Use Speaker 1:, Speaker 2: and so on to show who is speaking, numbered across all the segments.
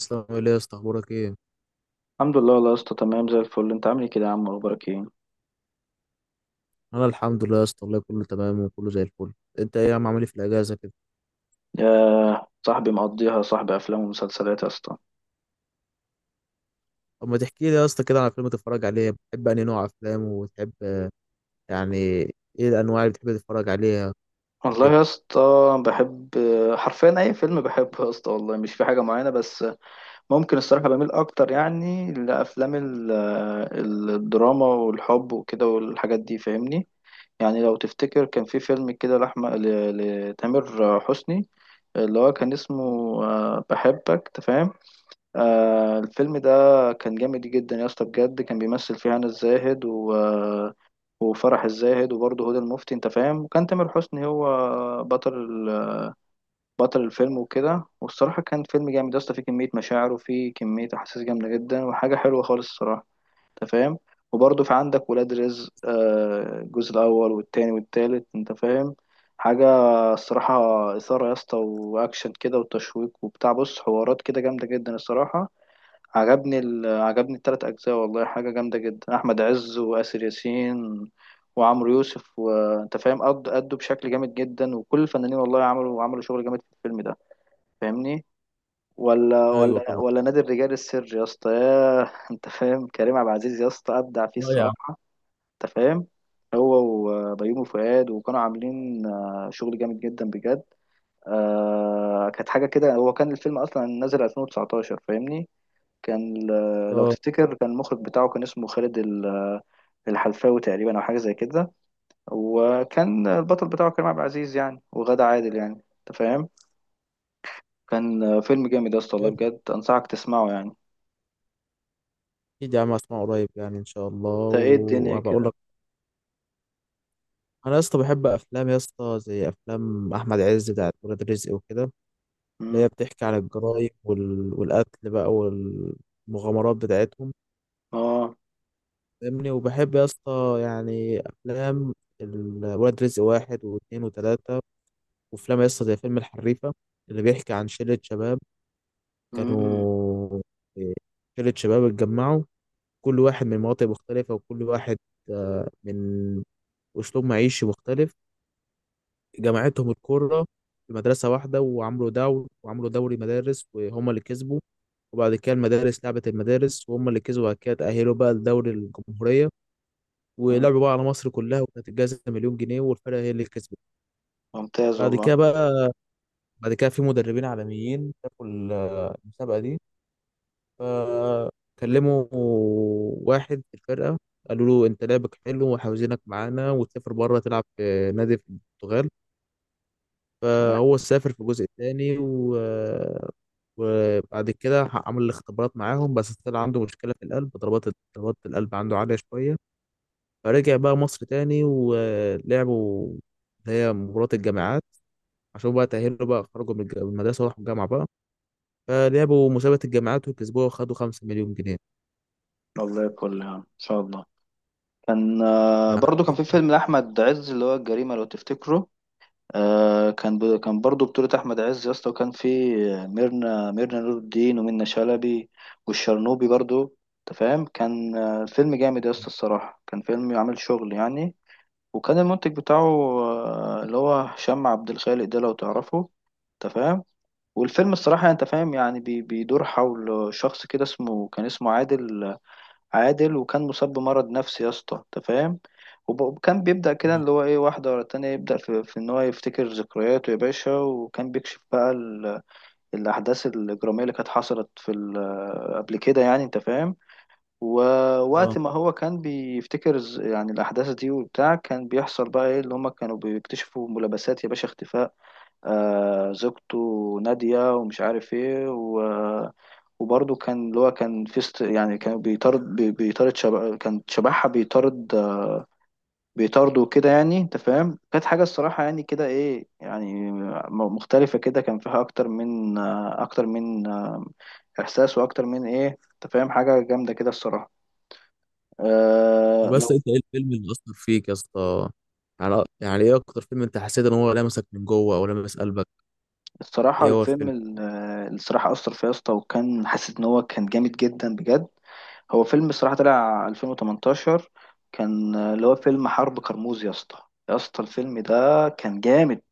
Speaker 1: اسلام ايه يا اسطى؟ اخبارك ايه؟
Speaker 2: الحمد لله والله يا اسطى تمام زي الفل، انت عامل ايه كده يا عم؟ اخبارك ايه؟
Speaker 1: انا الحمد لله يا اسطى والله كله تمام وكله زي الفل. انت ايه يا عم؟ عامل ايه في الاجازه كده؟
Speaker 2: يا صاحبي مقضيها صاحبي، افلام ومسلسلات يا اسطى.
Speaker 1: طب ما تحكي لي يا اسطى كده على فيلم تتفرج عليه، بتحب انهي نوع افلام وتحب، يعني، ايه الانواع اللي بتحب تتفرج عليها
Speaker 2: والله
Speaker 1: وكده؟
Speaker 2: يا اسطى بحب حرفيا اي فيلم، بحبه يا اسطى والله، مش في حاجه معينه. بس ممكن الصراحه بميل اكتر يعني لافلام الدراما والحب وكده والحاجات دي، فاهمني؟ يعني لو تفتكر كان في فيلم كده لأحمد لتامر حسني، اللي هو كان اسمه بحبك تفهم. آه، الفيلم ده كان جامد جدا يا اسطى بجد، كان بيمثل فيه هنا الزاهد و... آه، وفرح الزاهد وبرضه هدى المفتي، انت فاهم؟ وكان تامر حسني هو بطل ال... بطل الفيلم وكده. والصراحة كان فيلم جامد يا اسطى، فيه كمية مشاعر وفيه كمية أحاسيس جامدة جدا، وحاجة حلوة خالص الصراحة، انت فاهم؟ وبرضه في عندك ولاد رزق، آه الجزء الأول والتاني والتالت، انت فاهم؟ حاجة الصراحة إثارة يا اسطى وأكشن كده وتشويق وبتاع، بص حوارات كده جامدة جدا الصراحة. عجبني التلات أجزاء والله، حاجة جامدة جدا. أحمد عز وآسر ياسين وعمرو يوسف، وأنت فاهم قد أدوا بشكل جامد جدا، وكل الفنانين والله عملوا شغل جامد في الفيلم ده، فاهمني؟ ولا
Speaker 1: ايوه
Speaker 2: ولا
Speaker 1: طبعا.
Speaker 2: ولا نادي الرجال السر يا اسطى، ياه أنت فاهم؟ كريم عبد العزيز يا اسطى أبدع فيه
Speaker 1: اه يا عم.
Speaker 2: الصراحة، أنت فاهم؟ هو وبيومي فؤاد، وكانوا عاملين شغل جامد جدا بجد. آه كانت حاجة كده، هو كان الفيلم أصلا نازل 2019 فاهمني. كان لو
Speaker 1: اه.
Speaker 2: تفتكر كان المخرج بتاعه كان اسمه خالد الحلفاوي تقريبا او حاجه زي كده، وكان البطل بتاعه كريم عبد العزيز يعني وغادة عادل يعني، انت فاهم؟ كان فيلم جامد يا اسطى والله بجد، انصحك تسمعه يعني.
Speaker 1: اكيد يا عم، اسمع قريب يعني ان شاء الله
Speaker 2: انت ايه الدنيا
Speaker 1: وهبقى اقول
Speaker 2: كده؟
Speaker 1: لك. انا يا اسطى بحب افلام يا اسطى زي افلام احمد عز بتاعت ولاد رزق وكده، اللي هي
Speaker 2: امم.
Speaker 1: بتحكي عن الجرايم وال... والقتل بقى والمغامرات بتاعتهم،
Speaker 2: اه.
Speaker 1: فاهمني، وبحب يا اسطى يعني افلام الولد رزق واحد واثنين وثلاثة، وافلام يا اسطى زي فيلم الحريفة اللي بيحكي عن شلة شباب
Speaker 2: امم.
Speaker 1: كانوا، آه، شلة شباب اتجمعوا، كل واحد من مناطق مختلفة، وكل واحد، من أسلوب معيشي مختلف. جمعتهم الكرة في مدرسة واحدة، وعملوا دوري، وعملوا دوري مدارس وهم اللي كسبوا، وبعد كده المدارس لعبت المدارس وهم اللي كسبوا. بعد كده تأهلوا بقى لدوري الجمهورية،
Speaker 2: أمم.
Speaker 1: ولعبوا بقى على مصر كلها، وكانت الجائزة مليون جنيه والفرقة هي اللي كسبت.
Speaker 2: ممتاز
Speaker 1: بعد
Speaker 2: والله.
Speaker 1: كده بقى، بعد كده في مدربين عالميين شافوا المسابقة دي، فكلموا واحد في الفرقة، قالوا له انت لعبك حلو وعاوزينك معانا، وتسافر بره تلعب في نادي في البرتغال.
Speaker 2: تمام
Speaker 1: فهو سافر في الجزء الثاني و... وبعد كده عمل الاختبارات معاهم، بس طلع عنده مشكلة في القلب، ضربات القلب عنده عالية شوية، فرجع بقى مصر تاني ولعبوا اللي هي مباراة الجامعات، عشان بقى تأهلوا بقى، خرجوا من من المدرسة وراحوا الجامعة بقى، فلعبوا مسابقة الجامعات وكسبوها وخدوا 5 مليون جنيه.
Speaker 2: والله، كل يعني ان شاء الله. كان برضو كان في
Speaker 1: يعني.
Speaker 2: فيلم لاحمد عز اللي هو الجريمه، لو تفتكره. آه، كان كان برضو بطولة أحمد عز يا اسطى، وكان في ميرنا نور الدين ومنة شلبي والشرنوبي برضو، أنت فاهم؟ كان فيلم جامد يا اسطى الصراحة، كان فيلم عامل شغل يعني. وكان المنتج بتاعه اللي هو هشام عبد الخالق ده، لو تعرفه، أنت فاهم؟ والفيلم الصراحة أنت فاهم يعني بيدور حول شخص كده اسمه كان اسمه عادل. وكان مصاب بمرض نفسي يا اسطى، انت فاهم؟ وكان بيبدأ كده
Speaker 1: مم.
Speaker 2: اللي هو ايه، واحدة ورا التانية يبدأ في ان هو يفتكر ذكرياته يا باشا، وكان بيكشف بقى الأحداث الإجرامية اللي كانت حصلت في قبل كده يعني، انت فاهم؟
Speaker 1: اه.
Speaker 2: ووقت ما هو كان بيفتكر يعني الأحداث دي وبتاع، كان بيحصل بقى ايه، اللي هما كانوا بيكتشفوا ملابسات يا باشا، اختفاء زوجته نادية ومش عارف ايه، وبرضه كان اللي هو كان في يعني كان بيطارد بي- بيطارد شب... كان شبحها بيطارد بيطارده كده، يعني انت فاهم؟ كانت حاجة الصراحة يعني كده ايه، يعني مختلفة كده، كان فيها اكتر من اكتر من احساس، واكتر من ايه، انت فاهم؟ حاجة جامدة كده الصراحة.
Speaker 1: طب بس انت ايه الفيلم اللي أثر فيك يا اسطى؟ يعني، يعني ايه أكتر فيلم انت حسيت ان هو لمسك من جوه أو لمس قلبك؟
Speaker 2: الصراحة
Speaker 1: ايه هو الفيلم؟
Speaker 2: الصراحة أثر فيا يا اسطى، وكان حاسس إن هو كان جامد جدا بجد. هو فيلم الصراحة طلع 2018، كان اللي هو فيلم حرب كرموز يا اسطى. يا اسطى الفيلم ده كان جامد.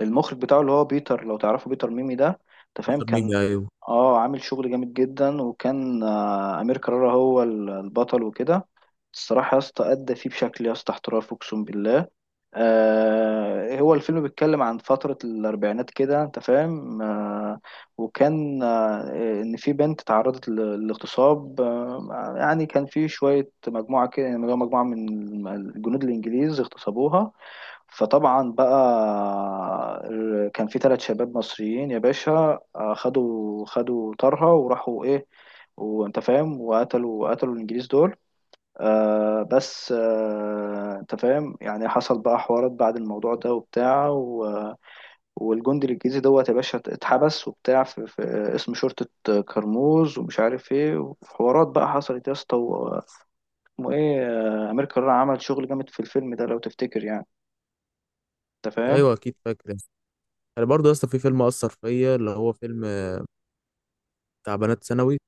Speaker 2: المخرج بتاعه اللي هو بيتر، لو تعرفه بيتر ميمي ده، أنت فاهم؟
Speaker 1: بيتر
Speaker 2: كان
Speaker 1: ميمي، أيوه.
Speaker 2: اه عامل شغل جامد جدا، وكان أمير كرارة هو البطل وكده. الصراحة يا اسطى أدى فيه بشكل يا اسطى احترافي أقسم بالله. آه، هو الفيلم بيتكلم عن فترة الأربعينات كده، أنت فاهم؟ وكان إن في بنت تعرضت للاغتصاب، يعني كان في شوية مجموعة كده، يعني مجموعة من الجنود الإنجليز اغتصبوها. فطبعا بقى كان في ثلاث شباب مصريين يا باشا، خدوا طارها وراحوا إيه، وأنت فاهم وقتلوا الإنجليز دول. آه بس آه انت فاهم، يعني حصل بقى حوارات بعد الموضوع ده وبتاع والجندي الانجليزي دوت يا باشا اتحبس وبتاع في اسم شرطة كرموز ومش عارف ايه، وحوارات بقى حصلت يا اسطى اسمه ايه، امير كرارة عمل شغل جامد في الفيلم ده لو تفتكر يعني، انت فاهم؟
Speaker 1: أيوه، أكيد فاكر. أنا برضه يا اسطى في فيلم أثر فيا اللي هو فيلم بتاع بنات ثانوي،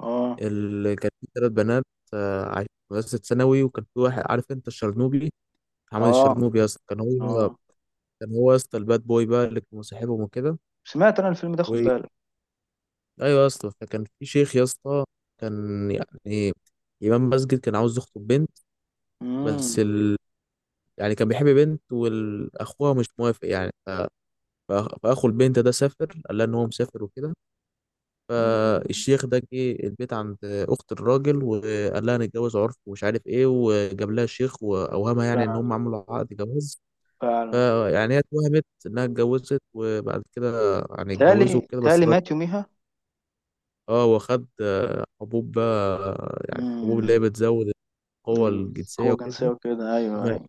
Speaker 2: اه.
Speaker 1: اللي كان في 3 بنات، عايشين في مدرسة ثانوي، وكان في واحد، عارف انت، الشرنوبي، محمد
Speaker 2: اه.
Speaker 1: الشرنوبي يا اسطى، كان هو،
Speaker 2: اه.
Speaker 1: كان هو يا اسطى الباد بوي بقى اللي كان مصاحبهم وكده
Speaker 2: سمعت انا الفيلم ده، خد
Speaker 1: و...
Speaker 2: بالك.
Speaker 1: ايوه يا اسطى، فكان في شيخ يا اسطى، كان يعني إمام مسجد، كان عاوز يخطب بنت،
Speaker 2: امم.
Speaker 1: بس ال... يعني كان بيحب بنت واخوها مش موافق يعني ف... فأخو البنت ده سافر، قال لها إن هو مسافر وكده.
Speaker 2: أمم.
Speaker 1: فالشيخ ده جه البيت عند اخت الراجل وقال لها نتجوز، عرف ومش عارف ايه، وجاب لها شيخ واوهمها يعني ان
Speaker 2: فعلا.
Speaker 1: هم عملوا عقد جواز.
Speaker 2: فعلا.
Speaker 1: فيعني هي اتوهمت انها اتجوزت، وبعد كده يعني اتجوزوا
Speaker 2: تالي
Speaker 1: وكده، بس
Speaker 2: تالي
Speaker 1: الراجل
Speaker 2: مات.
Speaker 1: اه واخد حبوب بقى، يعني حبوب اللي
Speaker 2: يوميها.
Speaker 1: هي بتزود القوة
Speaker 2: القوة
Speaker 1: الجنسية
Speaker 2: الجنسية
Speaker 1: وكده،
Speaker 2: وكده، أيوه
Speaker 1: ومات.
Speaker 2: أيوه.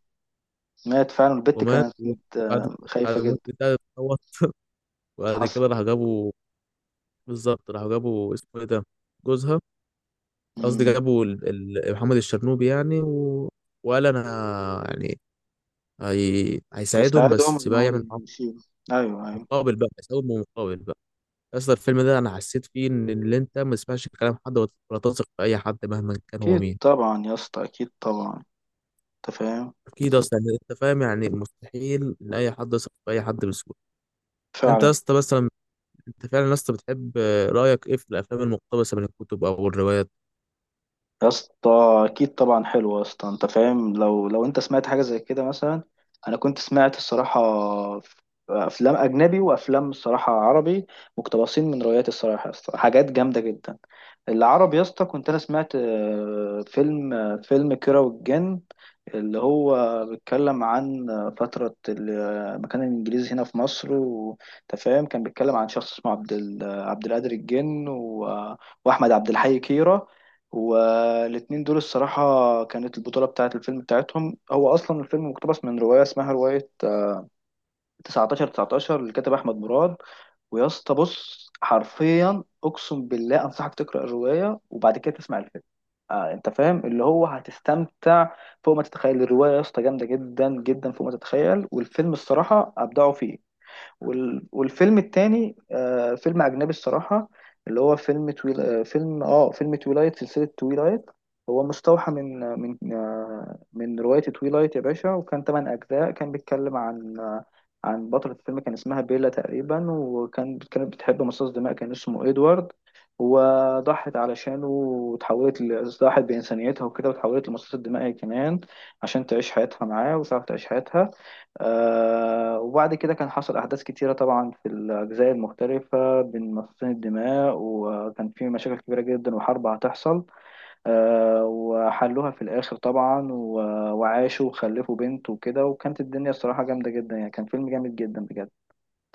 Speaker 2: مات فعلا، البت
Speaker 1: ومات
Speaker 2: كانت
Speaker 1: وبعد، بعد
Speaker 2: خايفة
Speaker 1: الموت
Speaker 2: جدا.
Speaker 1: بتاعه اتطور. وبعد
Speaker 2: حصل.
Speaker 1: كده راح جابوا، بالظبط راح جابوا، اسمه ايه ده، جوزها، قصدي
Speaker 2: مم.
Speaker 1: جابوا محمد الشرنوبي يعني و... وقال انا يعني، هيساعدهم
Speaker 2: يساعدهم
Speaker 1: بس
Speaker 2: إن
Speaker 1: بقى
Speaker 2: هو
Speaker 1: يعمل معاهم
Speaker 2: يشيله، أيوه أيوه.
Speaker 1: مقابل بقى، يساوي مقابل بقى. اصلا الفيلم ده انا حسيت فيه ان اللي انت ما تسمعش كلام حد، ولا تثق في اي حد مهما كان هو
Speaker 2: أكيد
Speaker 1: مين.
Speaker 2: طبعا يا اسطى، أكيد طبعا، أنت فاهم؟
Speaker 1: اكيد اصلا انت فاهم، يعني مستحيل ان اي حد يثق في اي حد بسهوله. انت
Speaker 2: فعلا.
Speaker 1: يا اسطى مثلا، انت فعلا يا اسطى بتحب، رايك ايه في الافلام المقتبسه من الكتب او الروايات؟
Speaker 2: يا اسطى أكيد طبعا. حلو يا اسطى، أنت فاهم، لو أنت سمعت حاجة زي كده مثلا. أنا كنت سمعت الصراحة، ف- أفلام أجنبي وأفلام الصراحة عربي مقتبسين من روايات الصراحة يا اسطى، حاجات جامدة جدا. العربي يا اسطى كنت انا سمعت فيلم فيلم كيرة والجن، اللي هو بيتكلم عن فترة ما كان الانجليزي هنا في مصر، وانت فاهم كان بيتكلم عن شخص اسمه عبد القادر الجن واحمد عبد الحي كيرة. والاتنين دول الصراحة كانت البطولة بتاعة الفيلم بتاعتهم. هو أصلا الفيلم مقتبس من رواية اسمها رواية 19 19 اللي كتب أحمد مراد. ويا اسطى بص حرفيا اقسم بالله انصحك تقرا الروايه، وبعد كده تسمع الفيلم، آه انت فاهم؟ اللي هو هتستمتع فوق ما تتخيل. الروايه يا اسطى جامده جدا جدا فوق ما تتخيل، والفيلم الصراحه ابدعوا فيه. والفيلم التاني آه فيلم أجنبي الصراحة، اللي هو فيلم تويلايت، سلسلة تويلايت. هو مستوحى من رواية تويلايت يا باشا، وكان تمن أجزاء. كان بيتكلم عن آه عن بطلة الفيلم كان اسمها بيلا تقريبا، وكان كانت بتحب مصاص دماء كان اسمه إدوارد. وضحت علشانه وتحولت ضحت بإنسانيتها وكده، وتحولت لمصاص الدماء هي كمان، عشان تعيش حياتها معاه وتعرف تعيش حياتها. آه، وبعد كده كان حصل أحداث كتيرة طبعا في الأجزاء المختلفة بين مصاصين الدماء، وكان في مشاكل كبيرة جدا وحرب هتحصل. آه، وحلوها في الآخر طبعا وعاشوا وخلفوا بنت وكده، وكانت الدنيا الصراحة جامدة جدا يعني، كان فيلم جامد جدا بجد.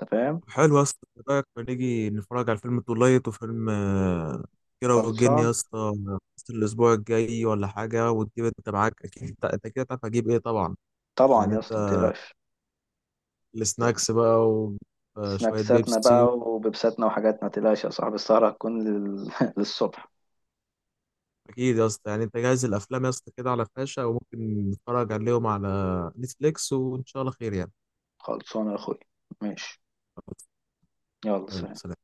Speaker 2: أنت فاهم؟
Speaker 1: حلو يا اسطى، إيه رايك ما نيجي نتفرج على فيلم تولايت وفيلم كيرة والجن يا
Speaker 2: خلصان.
Speaker 1: اسطى في الاسبوع الجاي ولا حاجه، وتجيب انت معاك، اكيد أنت كده تعرف هجيب ايه طبعا.
Speaker 2: طبعا
Speaker 1: يعني
Speaker 2: يا
Speaker 1: انت،
Speaker 2: اسطى متقلقش.
Speaker 1: السناكس بقى وشويه
Speaker 2: سناكساتنا بقى
Speaker 1: بيبسي.
Speaker 2: وبيبساتنا وحاجاتنا، متقلقش يا صاحبي، السهرة هتكون للصبح.
Speaker 1: اكيد يا اسطى، يعني انت جاهز الافلام يا اسطى كده على فلاشه، وممكن نتفرج عليهم على نتفليكس وان شاء الله خير يعني.
Speaker 2: خلصانة يا أخوي. ماشي. يلا
Speaker 1: يلا
Speaker 2: سلام.
Speaker 1: سلام.